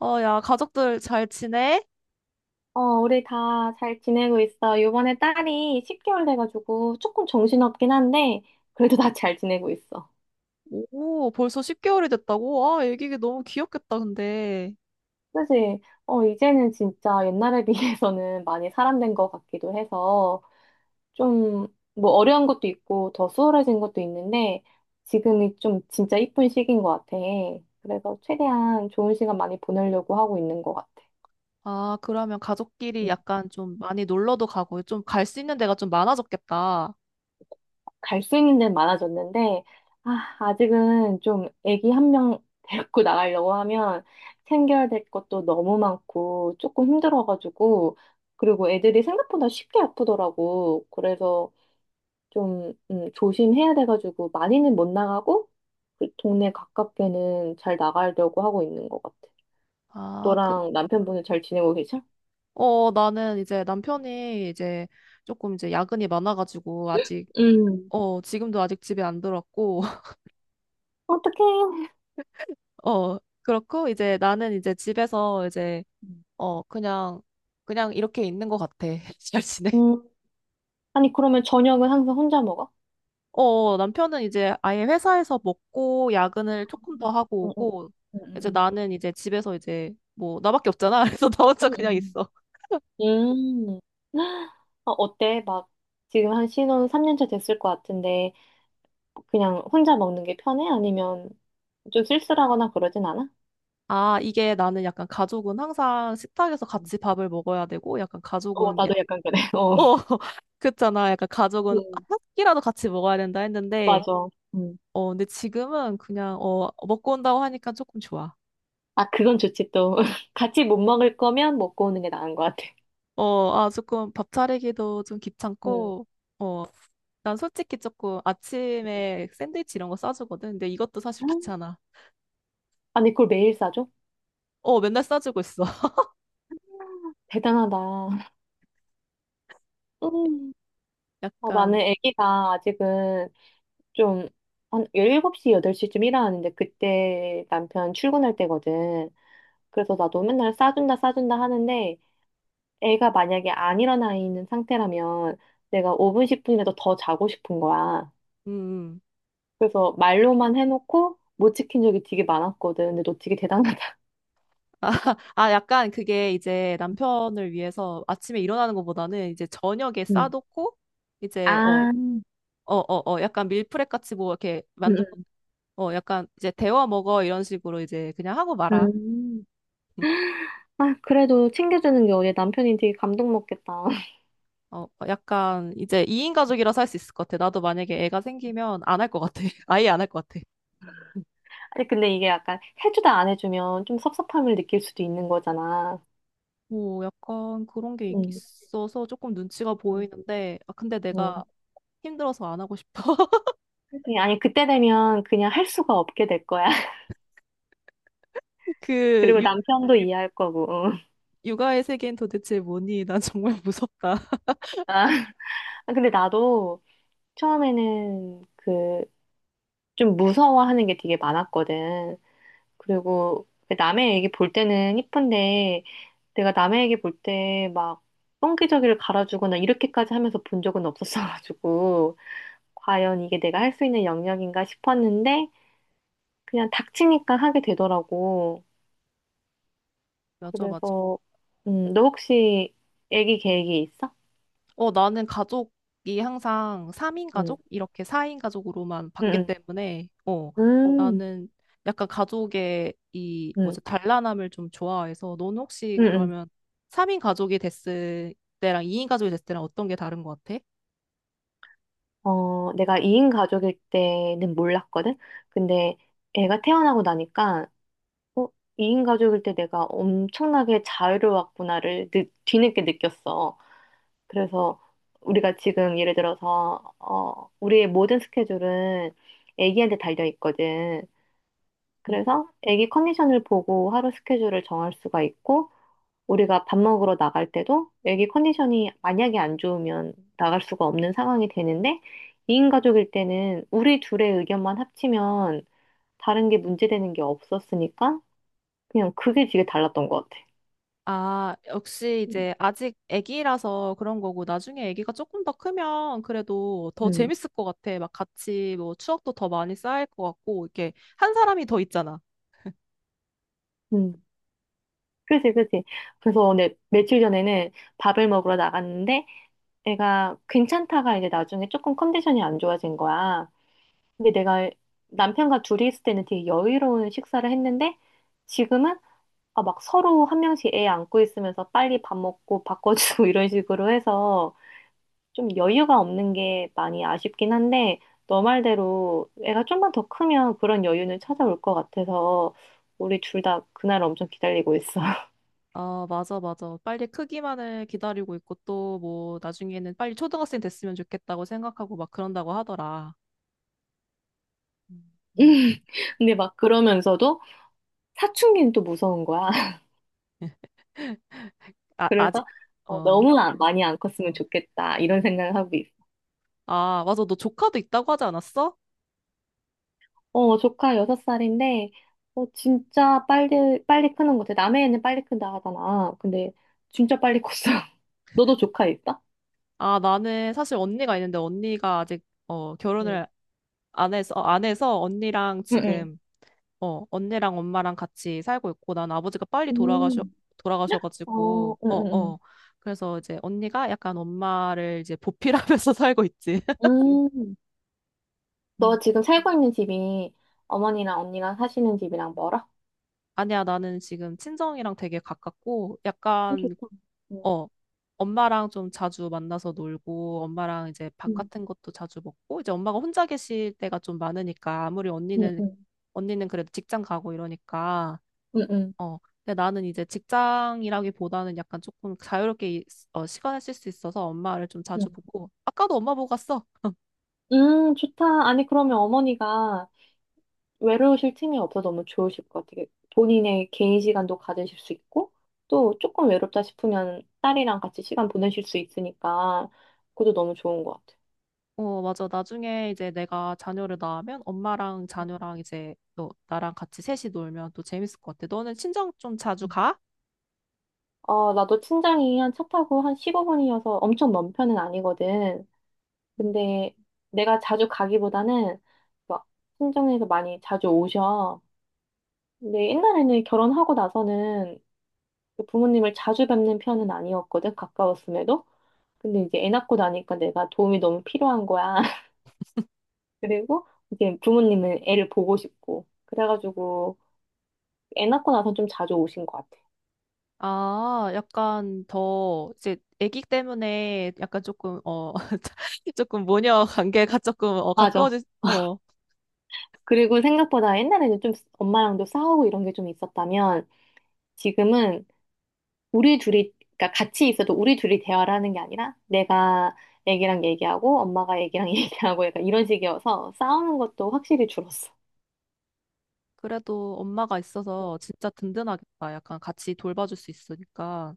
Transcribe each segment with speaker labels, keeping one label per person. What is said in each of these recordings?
Speaker 1: 야, 가족들 잘 지내?
Speaker 2: 어, 우리 다 잘 지내고 있어. 요번에 딸이 10개월 돼가지고 조금 정신없긴 한데, 그래도 다 잘 지내고 있어.
Speaker 1: 오, 벌써 10개월이 됐다고? 아, 애기가 너무 귀엽겠다, 근데.
Speaker 2: 사실, 어, 이제는 진짜 옛날에 비해서는 많이 사람 된 것 같기도 해서, 좀, 뭐, 어려운 것도 있고, 더 수월해진 것도 있는데, 지금이 좀 진짜 이쁜 시기인 것 같아. 그래서 최대한 좋은 시간 많이 보내려고 하고 있는 것 같아.
Speaker 1: 아, 그러면 가족끼리 약간 좀 많이 놀러도 가고, 좀 갈 수 있는 데가 좀 많아졌겠다.
Speaker 2: 갈 수 있는 데는 많아졌는데, 아, 아직은 좀 애기 한 명 데리고 나가려고 하면 챙겨야 될 것도 너무 많고 조금 힘들어가지고, 그리고 애들이 생각보다 쉽게 아프더라고. 그래서 좀 조심해야 돼가지고 많이는 못 나가고, 그 동네 가깝게는 잘 나가려고 하고 있는 것 같아.
Speaker 1: 아, 그,
Speaker 2: 너랑 남편분은 잘 지내고 계셔?
Speaker 1: 나는 남편이 조금 야근이 많아가지고, 아직,
Speaker 2: 음.
Speaker 1: 어, 지금도 아직 집에 안 들어왔고,
Speaker 2: 어떡해.
Speaker 1: 그렇고, 나는 집에서
Speaker 2: 음.
Speaker 1: 어, 그냥, 그냥 이렇게 있는 것 같아. 잘 지내?
Speaker 2: 음, 아니, 그러면 저녁은 항상 혼자 먹어?
Speaker 1: 남편은 아예 회사에서 먹고 야근을 조금 더
Speaker 2: 응,
Speaker 1: 하고
Speaker 2: 응. 응,
Speaker 1: 오고,
Speaker 2: 응,
Speaker 1: 이제
Speaker 2: 응.
Speaker 1: 나는 이제 집에서 뭐 나밖에 없잖아. 그래서 나 혼자 그냥
Speaker 2: 음.
Speaker 1: 있어.
Speaker 2: 음. 어, 어때? 막 지금 한 신혼 3년차 됐을 것 같은데 그냥 혼자 먹는 게 편해? 아니면 좀 쓸쓸하거나 그러진 않아?
Speaker 1: 아, 이게 나는 약간 가족은 항상 식탁에서
Speaker 2: 음.
Speaker 1: 같이 밥을 먹어야 되고, 약간
Speaker 2: 어,
Speaker 1: 가족은, 예-
Speaker 2: 나도 약간 그래. 어.
Speaker 1: 어, 그렇잖아. 약간 가족은
Speaker 2: 음.
Speaker 1: 한 끼라도 같이 먹어야 된다 했는데,
Speaker 2: 맞아. 음.
Speaker 1: 근데 지금은 먹고 온다고 하니까 조금 좋아.
Speaker 2: 아, 그건 좋지 또. 같이 못 먹을 거면 먹고 오는 게 나은 것 같아.
Speaker 1: 조금 밥 차리기도 좀
Speaker 2: 음.
Speaker 1: 귀찮고, 어 난 솔직히 조금 아침에 샌드위치 이런 거 싸주거든. 근데 이것도 사실 귀찮아.
Speaker 2: 아니, 그걸 매일 싸줘?
Speaker 1: 어, 맨날 싸주고 있어.
Speaker 2: 대단하다. 음. 아, 나는
Speaker 1: 약간,
Speaker 2: 아기가 아직은 좀, 한일7시 8시쯤 일어나는데, 그때 남편 출근할 때거든. 그래서 나도 맨날 싸준다, 싸준다 하는데, 애가 만약에 안 일어나 있는 상태라면, 내가 5분, 10분이라도 더 자고 싶은 거야.
Speaker 1: 음. 음.
Speaker 2: 그래서 말로만 해놓고, 못 지킨 적이 되게 많았거든. 근데 너 되게 대단하다.
Speaker 1: 아, 약간 그게 이제 남편을 위해서 아침에 일어나는 것보다는 이제 저녁에
Speaker 2: 응.
Speaker 1: 싸놓고, 이제, 어,
Speaker 2: 아, 응.
Speaker 1: 약간 밀프렙 같이 뭐 이렇게 만들어, 약간 이제 데워 먹어 이런 식으로 이제 그냥 하고
Speaker 2: 응.
Speaker 1: 말아.
Speaker 2: 음. 아, 그래도 챙겨주는 게 우리 남편이 되게 감동 먹겠다.
Speaker 1: 약간 이제 2인 가족이라서 할 수 있을 것 같아. 나도 만약에 애가 생기면 안 할 것 같아. 아예 안 할 것 같아.
Speaker 2: 아니, 근데 이게 약간 해주다 안 해주면 좀 섭섭함을 느낄 수도 있는 거잖아.
Speaker 1: 뭐 약간 그런 게
Speaker 2: 응.
Speaker 1: 있어서 조금 눈치가 보이는데, 아, 근데 내가
Speaker 2: 음.
Speaker 1: 힘들어서 안 하고 싶어.
Speaker 2: 그냥, 아니, 그때 되면 그냥 할 수가 없게 될 거야.
Speaker 1: 그
Speaker 2: 그리고
Speaker 1: 육,
Speaker 2: 남편도 이해할 거고.
Speaker 1: 육아의 세계는 도대체 뭐니? 난 정말 무섭다.
Speaker 2: 아, 근데 나도 처음에는 그 좀 무서워하는 게 되게 많았거든. 그리고 그 남의 얘기 볼 때는 이쁜데 내가 남의 얘기 볼 때 막 똥기저귀를 갈아주거나 이렇게까지 하면서 본 적은 없었어가지고 과연 이게 내가 할 수 있는 영역인가 싶었는데 그냥 닥치니까 하게 되더라고.
Speaker 1: 맞아, 맞아.
Speaker 2: 그래서, 너 혹시 애기 계획이 있어?
Speaker 1: 어, 나는 가족이 항상 3인
Speaker 2: 응,
Speaker 1: 가족? 이렇게 4인 가족으로만 봤기
Speaker 2: 응,
Speaker 1: 때문에,
Speaker 2: 응,
Speaker 1: 나는 약간 가족의 이,
Speaker 2: 응,
Speaker 1: 뭐지, 단란함을 좀 좋아해서, 넌 혹시
Speaker 2: 응, 응.
Speaker 1: 그러면 3인 가족이 됐을 때랑 2인 가족이 됐을 때랑 어떤 게 다른 것 같아?
Speaker 2: 어, 내가 2인 가족일 때는 몰랐거든? 근데 애가 태어나고 나니까, 어, 2인 가족일 때 내가 엄청나게 자유로웠구나를 뒤늦게 느꼈어. 그래서 우리가 지금 예를 들어서, 어, 우리의 모든 스케줄은 애기한테 달려 있거든. 그래서 애기 컨디션을 보고 하루 스케줄을 정할 수가 있고, 우리가 밥 먹으러 나갈 때도 애기 컨디션이 만약에 안 좋으면 나갈 수가 없는 상황이 되는데 2인 가족일 때는 우리 둘의 의견만 합치면 다른 게 문제되는 게 없었으니까 그냥 그게 되게 달랐던 것 같아.
Speaker 1: 아, 역시
Speaker 2: 음,
Speaker 1: 이제 아직 아기라서 그런 거고, 나중에 아기가 조금 더 크면 그래도 더
Speaker 2: 음,
Speaker 1: 재밌을 것 같아. 막 같이 뭐 추억도 더 많이 쌓일 것 같고, 이렇게 한 사람이 더 있잖아.
Speaker 2: 음. 그지, 그지. 그래서 내 며칠 전에는 밥을 먹으러 나갔는데 애가 괜찮다가 이제 나중에 조금 컨디션이 안 좋아진 거야. 근데 내가 남편과 둘이 있을 때는 되게 여유로운 식사를 했는데 지금은 아, 막 서로 한 명씩 애 안고 있으면서 빨리 밥 먹고 바꿔주고 이런 식으로 해서 좀 여유가 없는 게 많이 아쉽긴 한데 너 말대로 애가 좀만 더 크면 그런 여유는 찾아올 것 같아서 우리 둘 다 그날 엄청 기다리고 있어.
Speaker 1: 아, 맞아, 맞아. 빨리 크기만을 기다리고 있고, 또 뭐 나중에는 빨리 초등학생 됐으면 좋겠다고 생각하고 막 그런다고 하더라. 음, 음.
Speaker 2: 근데 막 그러면서도 사춘기는 또 무서운 거야.
Speaker 1: 아, 아직,
Speaker 2: 그래서 어,
Speaker 1: 어.
Speaker 2: 너무 많이 안 컸으면 좋겠다 이런 생각을 하고 있어.
Speaker 1: 아, 맞아. 너 조카도 있다고 하지 않았어?
Speaker 2: 어, 조카 6살인데, 어, 진짜 빨리, 빨리 크는 것 같아. 남의 애는 빨리 큰다 하잖아. 근데 진짜 빨리 컸어. 너도 조카 있어?
Speaker 1: 아, 나는 사실 언니가 있는데 언니가 아직
Speaker 2: 응,
Speaker 1: 결혼을 안에서, 안에서 언니랑
Speaker 2: 응, 응.
Speaker 1: 지금, 언니랑 엄마랑 같이 살고 있고, 난 아버지가 빨리
Speaker 2: 음. 어,
Speaker 1: 돌아가셔가지고,
Speaker 2: 응,
Speaker 1: 어,
Speaker 2: 응,
Speaker 1: 어. 그래서 이제 언니가 약간 엄마를 이제 보필하면서 살고 있지.
Speaker 2: 응. 음.
Speaker 1: 음.
Speaker 2: 너 지금 살고 있는 집이 어머니랑 언니랑 사시는 집이랑 멀어?
Speaker 1: 아니야, 나는 지금 친정이랑 되게 가깝고,
Speaker 2: 좋다. 응,
Speaker 1: 어, 엄마랑 좀 자주 만나서 놀고, 엄마랑 이제 밥
Speaker 2: 응,
Speaker 1: 같은 것도 자주 먹고, 이제 엄마가 혼자 계실 때가 좀 많으니까,
Speaker 2: 응, 응,
Speaker 1: 언니는 그래도 직장 가고 이러니까,
Speaker 2: 응, 응.
Speaker 1: 어, 근데 나는 이제 직장이라기보다는 약간 조금 자유롭게 시간을 쓸 수 있어서 엄마를 좀 자주
Speaker 2: 응.
Speaker 1: 보고, 아까도 엄마 보고 갔어.
Speaker 2: 좋다. 아니, 그러면 어머니가 외로우실 틈이 없어 너무 좋으실 것 같아요. 본인의 개인 시간도 가지실 수 있고, 또 조금 외롭다 싶으면 딸이랑 같이 시간 보내실 수 있으니까, 그것도 너무 좋은 것 같아요.
Speaker 1: 어, 맞아. 나중에 이제 내가 자녀를 낳으면 엄마랑 자녀랑 이제 또 나랑 같이 셋이 놀면 또 재밌을 것 같아. 너는 친정 좀 자주
Speaker 2: 음.
Speaker 1: 가?
Speaker 2: 어, 나도 친정이 한 차 타고 한 15분이어서 엄청 먼 편은 아니거든.
Speaker 1: 음.
Speaker 2: 근데 내가 자주 가기보다는 막 친정에서 많이 자주 오셔. 근데 옛날에는 결혼하고 나서는 그 부모님을 자주 뵙는 편은 아니었거든, 가까웠음에도. 근데 이제 애 낳고 나니까 내가 도움이 너무 필요한 거야. 그리고 이제 부모님은 애를 보고 싶고. 그래가지고 애 낳고 나서 좀 자주 오신 것 같아.
Speaker 1: 아, 약간 더 이제 아기 때문에 약간 조금 어 조금 모녀 관계가 조금 어
Speaker 2: 맞아.
Speaker 1: 가까워지
Speaker 2: 그리고 생각보다 옛날에는 좀 엄마랑도 싸우고 이런 게 좀 있었다면 지금은 우리 둘이, 그러니까 같이 있어도 우리 둘이 대화를 하는 게 아니라 내가 애기랑 얘기하고 엄마가 애기랑 얘기하고 약간 이런 식이어서 싸우는 것도 확실히 줄었어.
Speaker 1: 그래도 엄마가 있어서 진짜 든든하겠다. 약간 같이 돌봐줄 수 있으니까.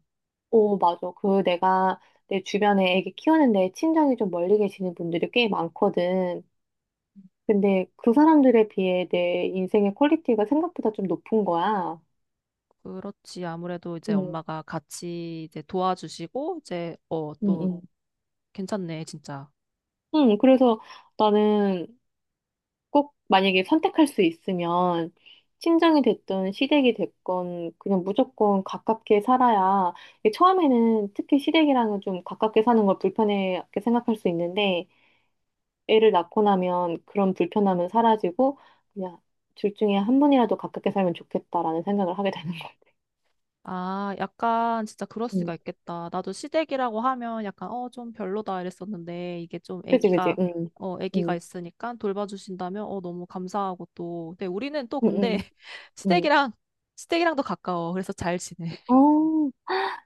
Speaker 2: 오, 맞아. 그 내가 내 주변에 애기 키우는데 친정이 좀 멀리 계시는 분들이 꽤 많거든. 근데 그 사람들에 비해 내 인생의 퀄리티가 생각보다 좀 높은 거야.
Speaker 1: 그렇지. 아무래도 이제
Speaker 2: 음,
Speaker 1: 엄마가 같이 이제 도와주시고,
Speaker 2: 응,
Speaker 1: 또
Speaker 2: 응.
Speaker 1: 괜찮네, 진짜.
Speaker 2: 응, 그래서 나는 꼭 만약에 선택할 수 있으면 친정이 됐든 시댁이 됐건 그냥 무조건 가깝게 살아야 이게 처음에는 특히 시댁이랑은 좀 가깝게 사는 걸 불편하게 생각할 수 있는데 애를 낳고 나면 그런 불편함은 사라지고 그냥 둘 중에 한 분이라도 가깝게 살면 좋겠다라는 생각을 하게 되는 것 같아.
Speaker 1: 아, 약간 진짜 그럴
Speaker 2: 음.
Speaker 1: 수가 있겠다. 나도 시댁이라고 하면 좀 별로다 이랬었는데, 이게 좀
Speaker 2: 그지, 그지,
Speaker 1: 아기가,
Speaker 2: 응,
Speaker 1: 어, 아기가
Speaker 2: 응.
Speaker 1: 있으니까 돌봐주신다면, 너무 감사하고 또. 근데 우리는 또
Speaker 2: 응,
Speaker 1: 근데
Speaker 2: 응, 응.
Speaker 1: 시댁이랑, 시댁이랑도 가까워. 그래서 잘 지내.
Speaker 2: 어,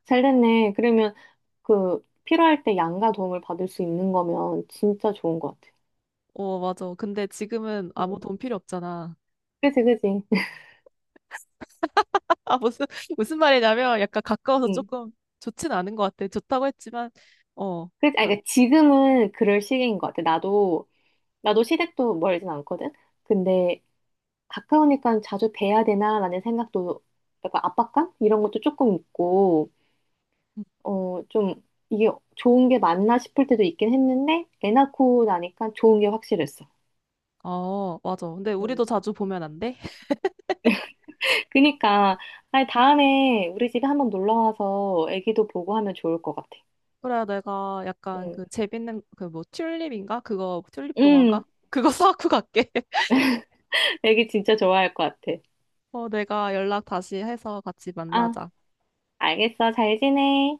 Speaker 2: 잘 됐네. 그러면 그 필요할 때 양가 도움을 받을 수 있는 거면 진짜 좋은 것 같아.
Speaker 1: 어, 맞아. 근데 지금은 아무
Speaker 2: 응.
Speaker 1: 돈 필요 없잖아.
Speaker 2: 그지, 그지.
Speaker 1: 아, 무슨, 무슨 말이냐면 약간 가까워서
Speaker 2: 응.
Speaker 1: 조금 좋진 않은 것 같아. 좋다고 했지만, 어,
Speaker 2: 그지. 아,
Speaker 1: 별-
Speaker 2: 그러니까 지금은 그럴 시기인 것 같아. 나도, 나도 시댁도 멀진 않거든? 근데 가까우니까 자주 뵈야 되나라는 생각도 약간 압박감? 이런 것도 조금 있고,
Speaker 1: 음,
Speaker 2: 어, 좀 이게 좋은 게 맞나 싶을 때도 있긴 했는데, 애 낳고 나니까 좋은 게 확실했어.
Speaker 1: 어, 맞아. 근데 우리도 자주 보면 안 돼?
Speaker 2: 그니까, 아니, 다음에 우리 집에 한번 놀러 와서 애기도 보고 하면 좋을 것 같아.
Speaker 1: 그래, 내가 약간
Speaker 2: 응.
Speaker 1: 그 재밌는 그 뭐 튤립인가? 그거 튤립 동화인가?
Speaker 2: 응,
Speaker 1: 그거 사갖고 갈게.
Speaker 2: 애기 진짜 좋아할 것 같아.
Speaker 1: 어, 내가 연락 다시 해서 같이
Speaker 2: 아,
Speaker 1: 만나자.
Speaker 2: 알겠어. 잘 지내.